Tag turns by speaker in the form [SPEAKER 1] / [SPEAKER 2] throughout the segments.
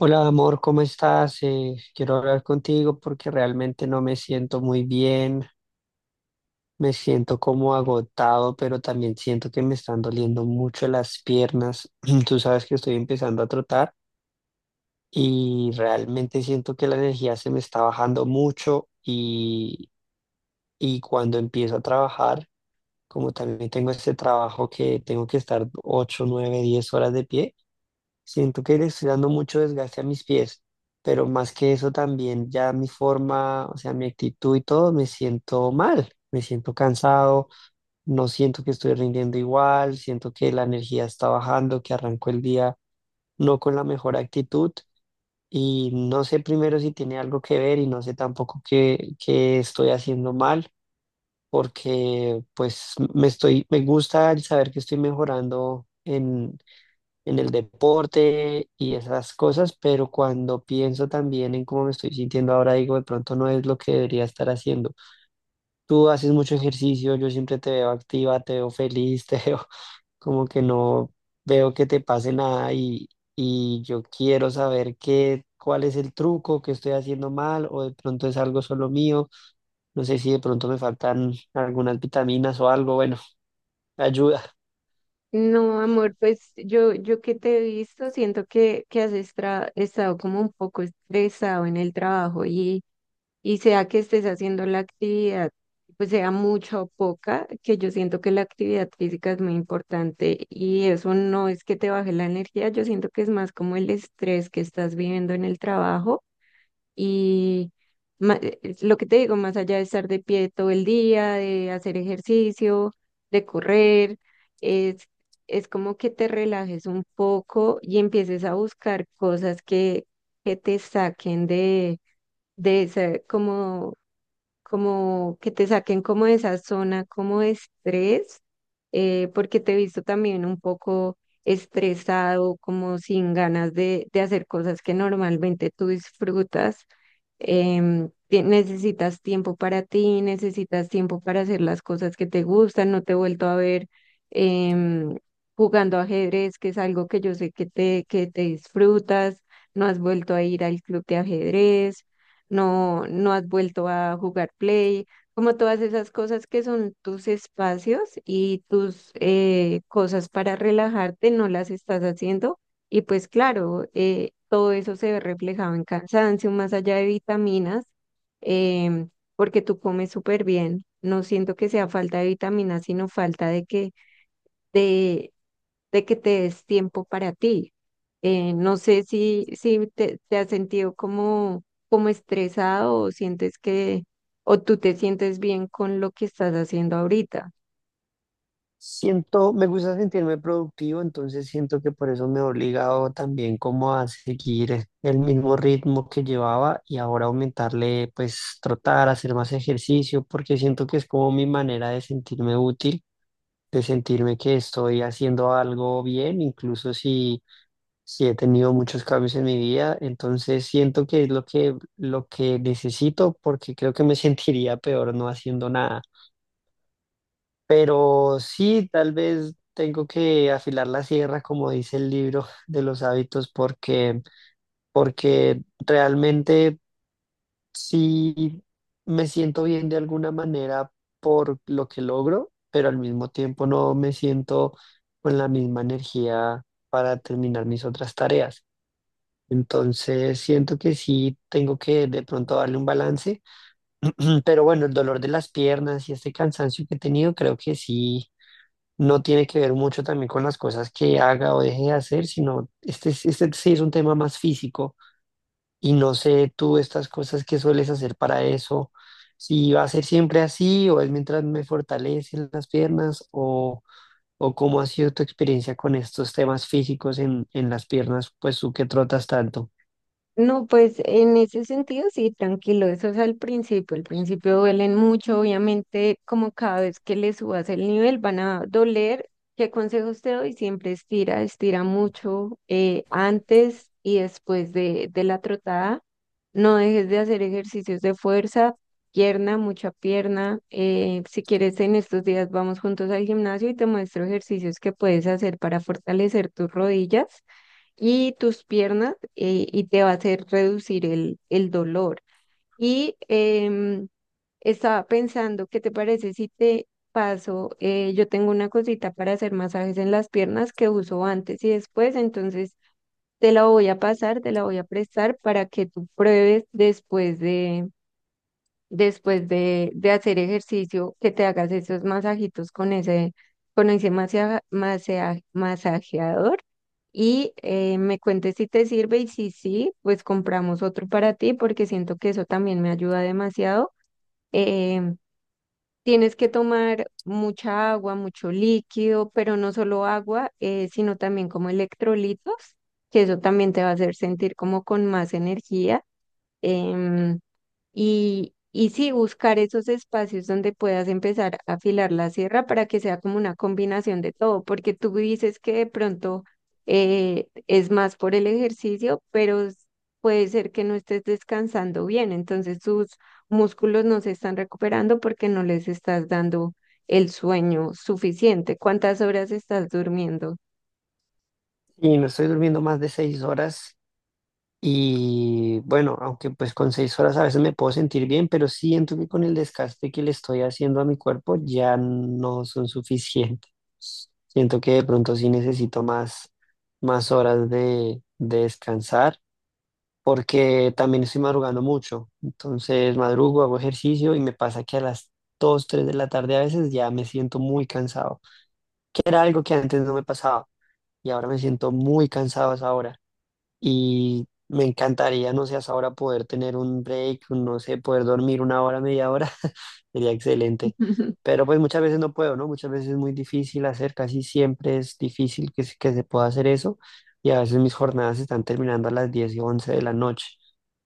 [SPEAKER 1] Hola amor, ¿cómo estás? Quiero hablar contigo porque realmente no me siento muy bien, me siento como agotado, pero también siento que me están doliendo mucho las piernas. Tú sabes que estoy empezando a trotar y realmente siento que la energía se me está bajando mucho y cuando empiezo a trabajar, como también tengo este trabajo que tengo que estar 8, 9, 10 horas de pie. Siento que le estoy dando mucho desgaste a mis pies, pero más que eso también ya mi forma, o sea, mi actitud y todo, me siento mal, me siento cansado, no siento que estoy rindiendo igual, siento que la energía está bajando, que arranco el día no con la mejor actitud y no sé primero si tiene algo que ver y no sé tampoco qué estoy haciendo mal, porque pues me gusta el saber que estoy mejorando en el deporte y esas cosas, pero cuando pienso también en cómo me estoy sintiendo ahora, digo, de pronto no es lo que debería estar haciendo. Tú haces mucho ejercicio, yo siempre te veo activa, te veo feliz, te veo como que no veo que te pase nada y yo quiero saber cuál es el truco que estoy haciendo mal o de pronto es algo solo mío, no sé si de pronto me faltan algunas vitaminas o algo, bueno, ayuda.
[SPEAKER 2] No, amor, pues yo que te he visto, siento que has estado como un poco estresado en el trabajo y sea que estés haciendo la actividad, pues sea mucha o poca, que yo siento que la actividad física es muy importante y eso no es que te baje la energía. Yo siento que es más como el estrés que estás viviendo en el trabajo y lo que te digo, más allá de estar de pie todo el día, de hacer ejercicio, de correr, es, es como que te relajes un poco y empieces a buscar cosas que te saquen de esa, como que te saquen como de esa zona, como de estrés. Porque te he visto también un poco estresado, como sin ganas de hacer cosas que normalmente tú disfrutas. Necesitas tiempo para ti, necesitas tiempo para hacer las cosas que te gustan. No te he vuelto a ver em, jugando ajedrez, que es algo que yo sé que que te disfrutas. No has vuelto a ir al club de ajedrez, no, no has vuelto a jugar play, como todas esas cosas que son tus espacios y tus cosas para relajarte. No las estás haciendo y pues claro, todo eso se ve reflejado en cansancio, más allá de vitaminas, em, porque tú comes súper bien. No siento que sea falta de vitaminas, sino falta de de, de que te des tiempo para ti. No sé si te has sentido como, como estresado o sientes que, o tú te sientes bien con lo que estás haciendo ahorita.
[SPEAKER 1] Siento, me gusta sentirme productivo, entonces siento que por eso me he obligado también como a seguir el mismo ritmo que llevaba y ahora aumentarle, pues trotar, hacer más ejercicio, porque siento que es como mi manera de sentirme útil, de sentirme que estoy haciendo algo bien, incluso si he tenido muchos cambios en mi vida, entonces siento que es lo que necesito, porque creo que me sentiría peor no haciendo nada. Pero sí, tal vez tengo que afilar la sierra, como dice el libro de los hábitos, porque realmente sí me siento bien de alguna manera por lo que logro, pero al mismo tiempo no me siento con la misma energía para terminar mis otras tareas. Entonces siento que sí tengo que de pronto darle un balance, pero bueno, el dolor de las piernas y este cansancio que he tenido, creo que sí no tiene que ver mucho también con las cosas que haga o deje de hacer, sino este sí es un tema más físico y no sé tú estas cosas que sueles hacer para eso, si va a ser siempre así o es mientras me fortalecen las piernas o cómo ha sido tu experiencia con estos temas físicos en las piernas, pues tú que trotas tanto.
[SPEAKER 2] No, pues en ese sentido sí, tranquilo, eso es al principio duelen mucho, obviamente como cada vez que le subas el nivel van a doler. ¿Qué consejos te doy? Siempre estira, estira mucho antes y después de la trotada, no dejes de hacer ejercicios de fuerza, pierna, mucha pierna. Si quieres en estos días vamos juntos al gimnasio y te muestro ejercicios que puedes hacer para fortalecer tus rodillas y tus piernas, y te va a hacer reducir el dolor. Y em, Estaba pensando, ¿qué te parece si te paso? Yo tengo una cosita para hacer masajes en las piernas que uso antes y después, entonces te la voy a pasar, te la voy a prestar para que tú pruebes después de hacer ejercicio, que te hagas esos masajitos con con ese masajeador y me cuentes si te sirve. Y si sí, pues compramos otro para ti porque siento que eso también me ayuda demasiado. Em, Tienes que tomar mucha agua, mucho líquido, pero no solo agua, sino también como electrolitos, que eso también te va a hacer sentir como con más energía. Em, y sí, buscar esos espacios donde puedas empezar a afilar la sierra para que sea como una combinación de todo, porque tú dices que de pronto es más por el ejercicio, pero puede ser que no estés descansando bien, entonces tus músculos no se están recuperando porque no les estás dando el sueño suficiente. ¿Cuántas horas estás durmiendo?
[SPEAKER 1] Y no estoy durmiendo más de 6 horas. Y bueno, aunque pues con 6 horas a veces me puedo sentir bien, pero siento que con el desgaste que le estoy haciendo a mi cuerpo ya no son suficientes. Siento que de pronto sí necesito más horas de descansar, porque también estoy madrugando mucho. Entonces madrugo, hago ejercicio y me pasa que a las 2-3 de la tarde a veces ya me siento muy cansado, que era algo que antes no me pasaba y ahora me siento muy cansado a esa hora y me encantaría, no sé, hasta ahora poder tener un break, un, no sé, poder dormir una hora, media hora, sería excelente. Pero pues muchas veces no puedo, ¿no? Muchas veces es muy difícil hacer, casi siempre es difícil que se pueda hacer eso y a veces mis jornadas están terminando a las 10 y 11 de la noche.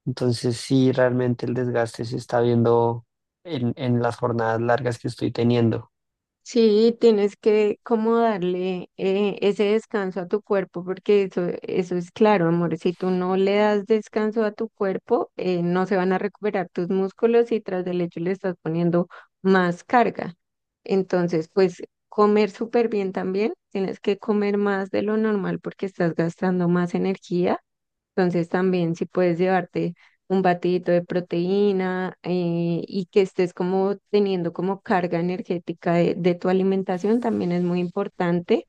[SPEAKER 1] Entonces sí, realmente el desgaste se está viendo en las jornadas largas que estoy teniendo.
[SPEAKER 2] Sí, tienes que como darle ese descanso a tu cuerpo, porque eso es claro, amor. Si tú no le das descanso a tu cuerpo, no se van a recuperar tus músculos y tras del hecho le estás poniendo más carga. Entonces, pues comer súper bien también. Tienes que comer más de lo normal porque estás gastando más energía. Entonces también si puedes llevarte un batidito de proteína, y que estés como teniendo como carga energética de tu alimentación también es muy importante.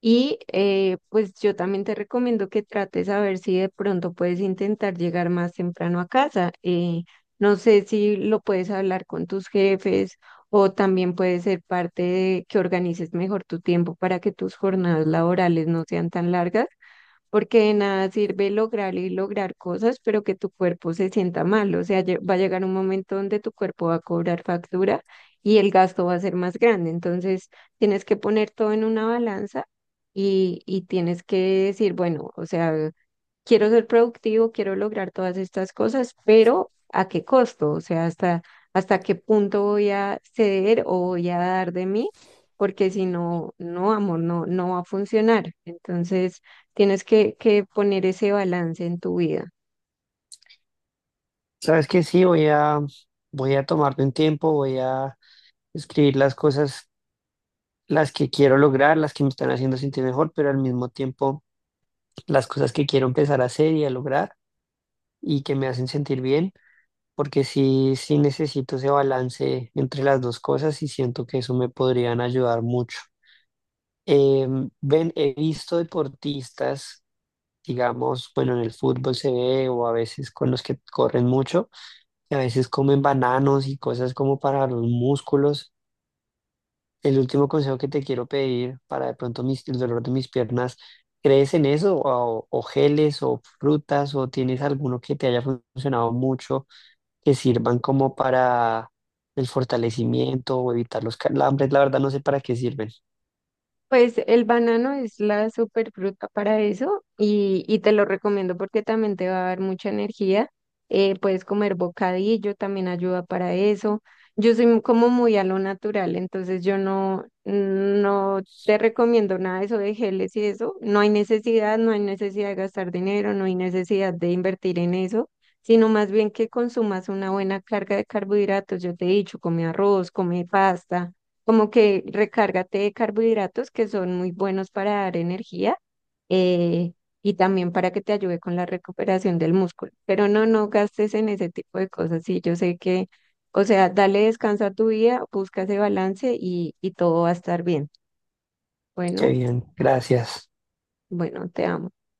[SPEAKER 2] Y pues yo también te recomiendo que trates a ver si de pronto puedes intentar llegar más temprano a casa. No sé si lo puedes hablar con tus jefes o también puede ser parte de que organices mejor tu tiempo para que tus jornadas laborales no sean tan largas, porque de nada sirve lograr y lograr cosas, pero que tu cuerpo se sienta mal. O sea, va a llegar un momento donde tu cuerpo va a cobrar factura y el gasto va a ser más grande. Entonces, tienes que poner todo en una balanza y tienes que decir, bueno, o sea, quiero ser productivo, quiero lograr todas estas cosas, pero ¿a qué costo? O sea, hasta, hasta qué punto voy a ceder o voy a dar de mí, porque si no, no, amor, no, no va a funcionar. Entonces, tienes que poner ese balance en tu vida.
[SPEAKER 1] ¿Sabes qué? Sí, voy a tomarme un tiempo, voy a escribir las cosas, las que quiero lograr, las que me están haciendo sentir mejor, pero al mismo tiempo las cosas que quiero empezar a hacer y a lograr y que me hacen sentir bien, porque sí necesito ese balance entre las dos cosas y siento que eso me podrían ayudar mucho. Ven, he visto deportistas, digamos, bueno, en el fútbol se ve o a veces con los que corren mucho, que a veces comen bananos y cosas como para los músculos. El último consejo que te quiero pedir para de pronto el dolor de mis piernas, ¿crees en eso? O geles o frutas o tienes alguno que te haya funcionado mucho que sirvan como para el fortalecimiento o evitar los calambres. La verdad no sé para qué sirven.
[SPEAKER 2] Pues el banano es la superfruta para eso y te lo recomiendo porque también te va a dar mucha energía. Puedes comer bocadillo, también ayuda para eso. Yo soy como muy a lo natural, entonces yo no, no te recomiendo nada de eso de geles y eso. No hay necesidad, no hay necesidad de gastar dinero, no hay necesidad de invertir en eso, sino más bien que consumas una buena carga de carbohidratos. Yo te he dicho, come arroz, come pasta, como que recárgate de carbohidratos que son muy buenos para dar energía, eh, y también para que te ayude con la recuperación del músculo. Pero no, no gastes en ese tipo de cosas. Sí, yo sé que, o sea, dale descanso a tu vida, busca ese balance y todo va a estar bien.
[SPEAKER 1] Qué
[SPEAKER 2] Bueno,
[SPEAKER 1] bien, gracias.
[SPEAKER 2] bueno, te amo.